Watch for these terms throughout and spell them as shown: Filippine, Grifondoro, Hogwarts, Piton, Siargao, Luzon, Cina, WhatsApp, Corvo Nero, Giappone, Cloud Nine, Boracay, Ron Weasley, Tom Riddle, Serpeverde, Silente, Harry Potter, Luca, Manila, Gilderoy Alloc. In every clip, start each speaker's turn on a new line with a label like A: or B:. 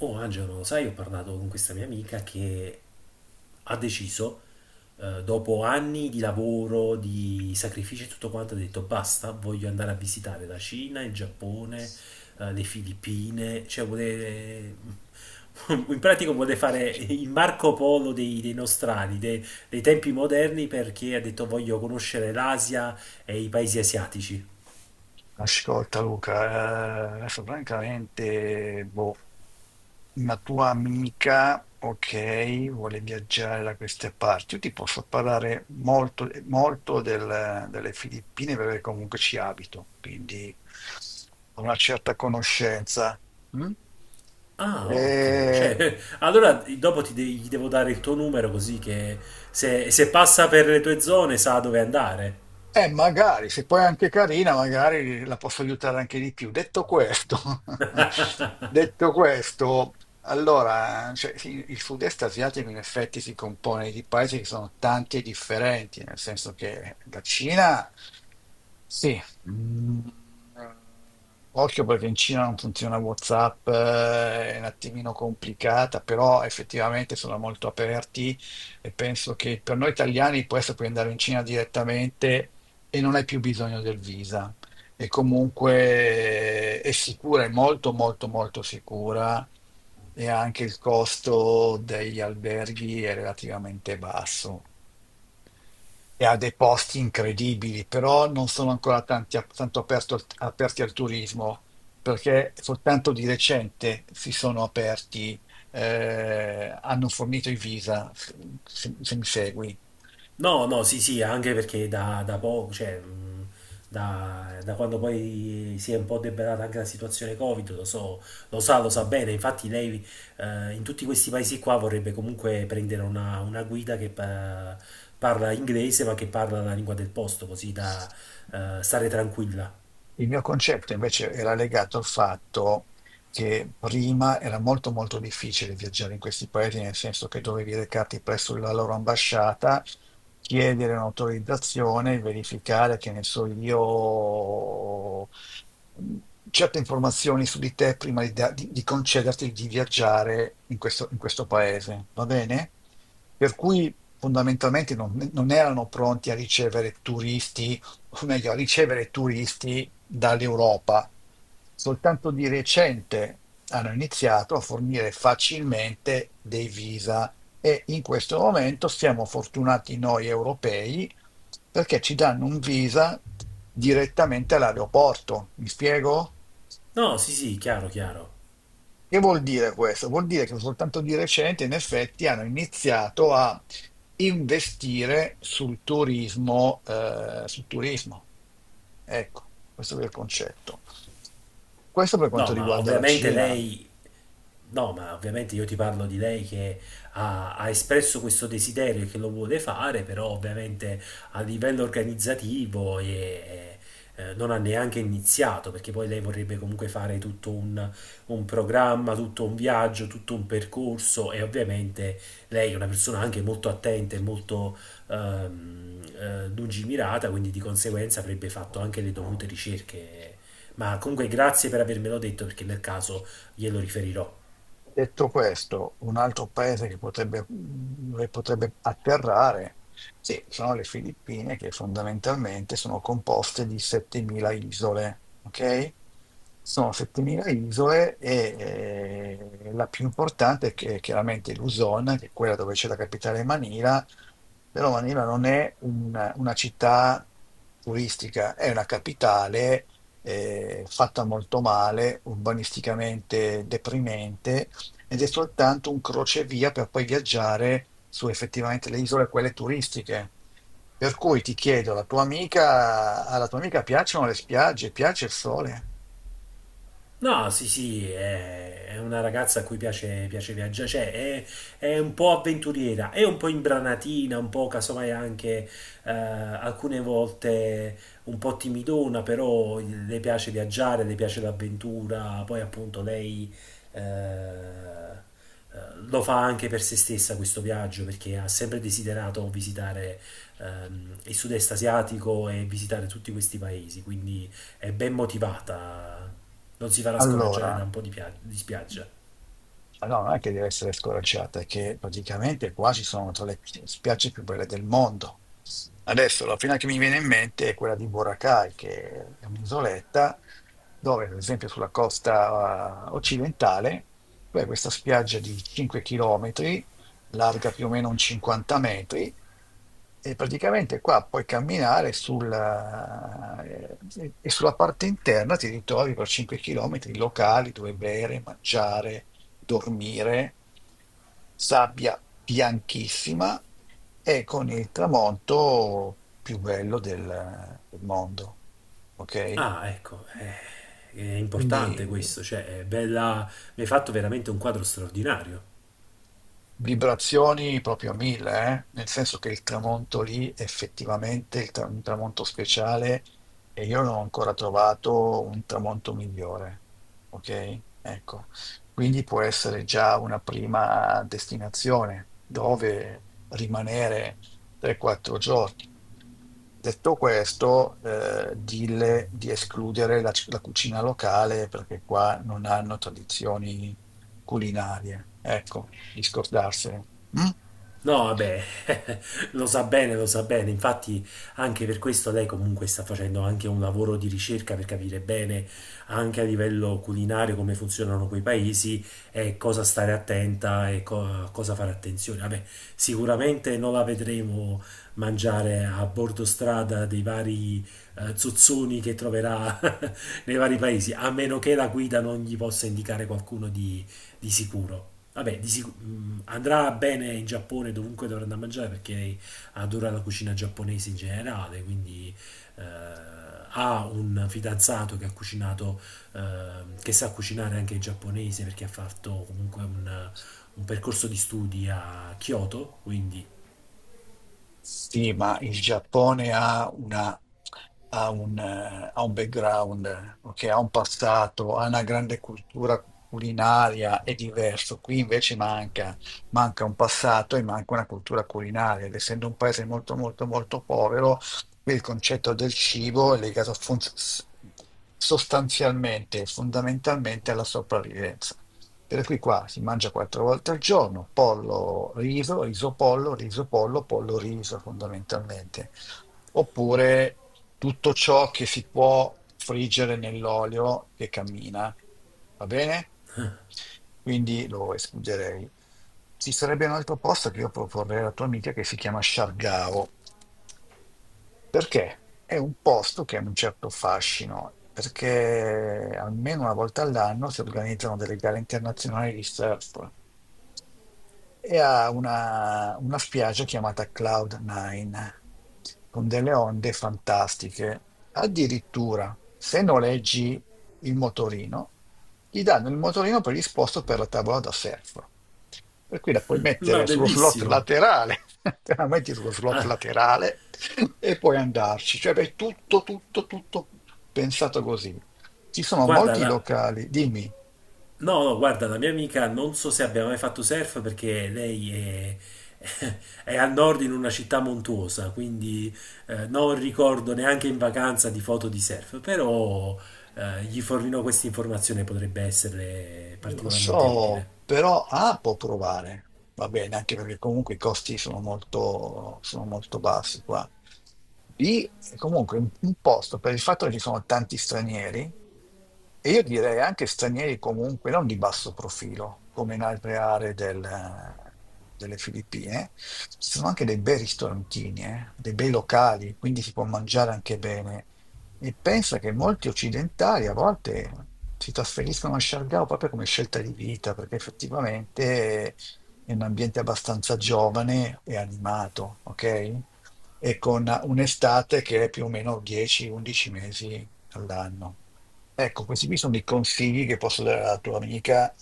A: Oh Angelo, sai, ho parlato con questa mia amica che ha deciso, dopo anni di lavoro, di sacrifici e tutto quanto, ha detto basta, voglio andare a visitare la Cina, il Giappone, le Filippine, cioè vuole... In pratica vuole fare il Marco Polo dei nostrani, dei tempi moderni, perché ha detto voglio conoscere l'Asia e i paesi asiatici.
B: Ascolta Luca, adesso francamente, boh, una tua amica, ok, vuole viaggiare da queste parti. Io ti posso parlare molto, molto delle Filippine perché comunque ci abito, quindi ho una certa conoscenza. Mm?
A: Ah, ottimo.
B: Eh,
A: Cioè, allora dopo gli devo dare il tuo numero così che se passa per le tue zone sa dove andare.
B: Magari, se poi è anche carina, magari la posso aiutare anche di più. Detto questo, detto questo, allora, cioè, sì, il sud-est asiatico in effetti si compone di paesi che sono tanti e differenti, nel senso che la Cina, sì, mm, occhio perché in Cina non funziona WhatsApp, è un attimino complicata, però effettivamente sono molto aperti e penso che per noi italiani può essere puoi andare in Cina direttamente e non hai più bisogno del visa. E comunque è sicura, è molto molto molto sicura e anche il costo degli alberghi è relativamente basso e ha dei posti incredibili, però non sono ancora tanti, aperti al turismo, perché soltanto di recente si sono aperti, hanno fornito i visa, se mi segui.
A: No, no, sì, sì, anche perché da poco, cioè, da quando poi si è un po' debellata anche la situazione Covid, lo so, lo sa bene. Infatti lei in tutti questi paesi qua vorrebbe comunque prendere una guida che parla inglese ma che parla la lingua del posto, così da stare tranquilla.
B: Il mio concetto invece era legato al fatto che prima era molto molto difficile viaggiare in questi paesi, nel senso che dovevi recarti presso la loro ambasciata, chiedere un'autorizzazione, verificare che ne so io, mh, certe informazioni su di te prima di concederti di viaggiare in questo paese, va bene? Per cui fondamentalmente non erano pronti a ricevere turisti o meglio, a ricevere turisti dall'Europa. Soltanto di recente hanno iniziato a fornire facilmente dei visa e in questo momento siamo fortunati noi europei perché ci danno un visa direttamente all'aeroporto. Mi spiego?
A: No, sì, sì, chiaro, chiaro.
B: Che vuol dire questo? Vuol dire che soltanto di recente, in effetti, hanno iniziato a investire sul turismo, sul turismo. Ecco, questo è il concetto. Questo per
A: No,
B: quanto
A: ma
B: riguarda la
A: ovviamente
B: Cina.
A: lei No, ma ovviamente io ti parlo di lei che ha espresso questo desiderio e che lo vuole fare, però ovviamente a livello organizzativo non ha neanche iniziato, perché poi lei vorrebbe comunque fare tutto un programma, tutto un viaggio, tutto un percorso e ovviamente lei è una persona anche molto attenta e molto lungimirata, quindi di conseguenza avrebbe fatto anche le dovute ricerche. Ma comunque grazie per avermelo detto, perché nel caso glielo riferirò.
B: Detto questo, un altro paese che potrebbe, dove potrebbe atterrare, sì, sono le Filippine, che fondamentalmente sono composte di 7.000 isole, ok? Sono 7.000 isole e la più importante chiaramente Luzon, che è quella dove c'è la capitale Manila. Però Manila non è una città turistica, è una capitale fatta molto male, urbanisticamente deprimente, ed è soltanto un crocevia per poi viaggiare su effettivamente le isole, quelle turistiche. Per cui ti chiedo, alla tua amica piacciono le spiagge, piace il sole?
A: No, sì, sì, è una ragazza a cui piace, piace viaggiare, cioè è un po' avventuriera, è un po' imbranatina, un po' casomai anche alcune volte un po' timidona, però le piace viaggiare, le piace l'avventura, poi appunto lei eh, eh, lo fa anche per se stessa questo viaggio, perché ha sempre desiderato visitare il sud-est asiatico e visitare tutti questi paesi, quindi è ben motivata. Non si farà scoraggiare da
B: Allora.
A: un po' di, di spiaggia.
B: Ma no, non è che deve essere scoraggiata, è che praticamente qua ci sono tra le spiagge più belle del mondo. Adesso la prima che mi viene in mente è quella di Boracay, che è un'isoletta dove, ad esempio, sulla costa occidentale, tu hai questa spiaggia di 5 km, larga più o meno un 50 metri, e praticamente qua puoi camminare e sulla parte interna ti ritrovi per 5 km locali dove bere, mangiare, dormire, sabbia bianchissima e con il tramonto più bello del mondo. Ok?
A: Ah, ecco, è importante
B: Quindi.
A: questo, cioè è bella, mi hai fatto veramente un quadro straordinario.
B: Vibrazioni proprio a mille, eh? Nel senso che il tramonto lì effettivamente è un tramonto speciale e io non ho ancora trovato un tramonto migliore, ok? Ecco, quindi può essere già una prima destinazione dove rimanere 3-4 giorni. Detto questo, dille di escludere la cucina locale perché qua non hanno tradizioni culinarie. Ecco, di scordarsene. Mm?
A: No, vabbè, lo sa bene, lo sa bene. Infatti, anche per questo lei comunque sta facendo anche un lavoro di ricerca per capire bene, anche a livello culinario, come funzionano quei paesi e cosa stare attenta e a cosa fare attenzione. Vabbè, sicuramente non la vedremo mangiare a bordo strada dei vari zozzoni che troverà nei vari paesi, a meno che la guida non gli possa indicare qualcuno di sicuro. Vabbè, andrà bene in Giappone dovunque dovrà andare a mangiare perché adora la cucina giapponese in generale, quindi eh, ha un fidanzato che ha cucinato, che sa cucinare anche il giapponese perché ha fatto comunque un percorso di studi a Kyoto, quindi...
B: Sì, ma il Giappone ha una, ha un background, ok, ha un passato, ha una grande cultura culinaria, è diverso. Qui invece manca un passato e manca una cultura culinaria, ed essendo un paese molto molto molto povero, il concetto del cibo è legato sostanzialmente e fondamentalmente alla sopravvivenza. Per cui qua si mangia quattro volte al giorno, pollo, riso, riso, pollo, pollo, riso fondamentalmente, oppure tutto ciò che si può friggere nell'olio che cammina, va bene? Quindi lo escluderei. Ci sarebbe un altro posto che io proporrei alla tua amica che si chiama Sciargao, perché è un posto che ha un certo fascino, perché almeno una volta all'anno si organizzano delle gare internazionali di surf e ha una spiaggia chiamata Cloud Nine, con delle onde fantastiche. Addirittura, se noleggi il motorino, gli danno il motorino predisposto per la tavola da surf. Per cui la puoi
A: Ma
B: mettere sullo slot
A: bellissimo!
B: laterale, te la metti sullo slot
A: Ah,
B: laterale e puoi andarci. Cioè, è tutto, tutto, tutto pensato così. Ci sono
A: guarda,
B: molti locali, dimmi.
A: no, no, guarda, la mia amica non so se abbia mai fatto surf perché lei è, è a nord in una città montuosa, quindi non ricordo neanche in vacanza di foto di surf, però gli fornirò questa informazione, potrebbe essere
B: Lo
A: particolarmente
B: so,
A: utile.
B: però può provare, va bene, anche perché comunque i costi sono molto bassi qua. B È comunque un posto, per il fatto che ci sono tanti stranieri, e io direi anche stranieri comunque non di basso profilo, come in altre aree delle Filippine. Ci sono anche dei bei ristorantini, dei bei locali, quindi si può mangiare anche bene. E pensa che molti occidentali a volte si trasferiscono a Siargao proprio come scelta di vita, perché effettivamente è un ambiente abbastanza giovane e animato, ok? E con un'estate che è più o meno 10-11 mesi all'anno. Ecco, questi qui sono i consigli che posso dare alla tua amica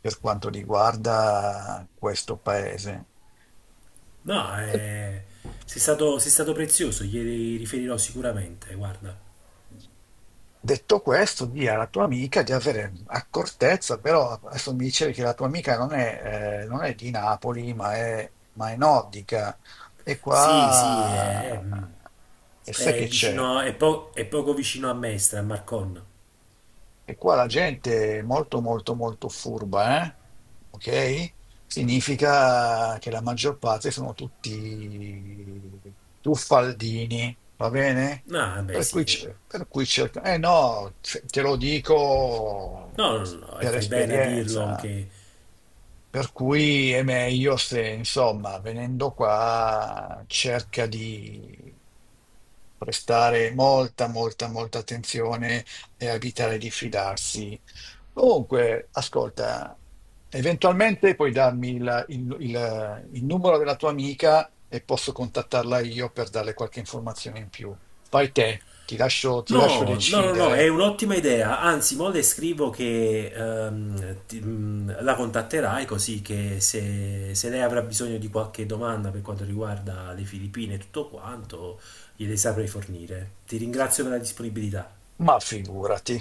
B: per quanto riguarda questo paese.
A: No, è, sei stato prezioso, gli riferirò sicuramente, guarda.
B: Detto questo, di' alla tua amica di avere accortezza, però adesso mi dicevi che la tua amica non è, non è di Napoli, ma è nordica. E
A: Sì, sì, è
B: qua, e sai
A: è
B: che c'è?
A: vicino, è, è poco vicino a Mestre, a Marcon.
B: E qua la gente è molto molto molto furba, eh? Ok? Significa che la maggior parte sono tutti tuffaldini, va bene?
A: Ah, beh,
B: Per cui,
A: sì.
B: cerca... Eh no, te lo dico
A: No, no, no, e
B: per
A: fai bene a dirlo
B: esperienza.
A: che...
B: Per cui è meglio se, insomma, venendo qua, cerca di prestare molta, molta, molta attenzione e a evitare di fidarsi. Comunque, ascolta, eventualmente puoi darmi il numero della tua amica e posso contattarla io per darle qualche informazione in più. Fai te, ti lascio
A: No, no, no, no, è
B: decidere,
A: un'ottima idea. Anzi, mo le scrivo che la contatterai così che se lei avrà bisogno di qualche domanda per quanto riguarda le Filippine e tutto quanto, gliele saprai fornire. Ti ringrazio per la disponibilità.
B: ma figurati.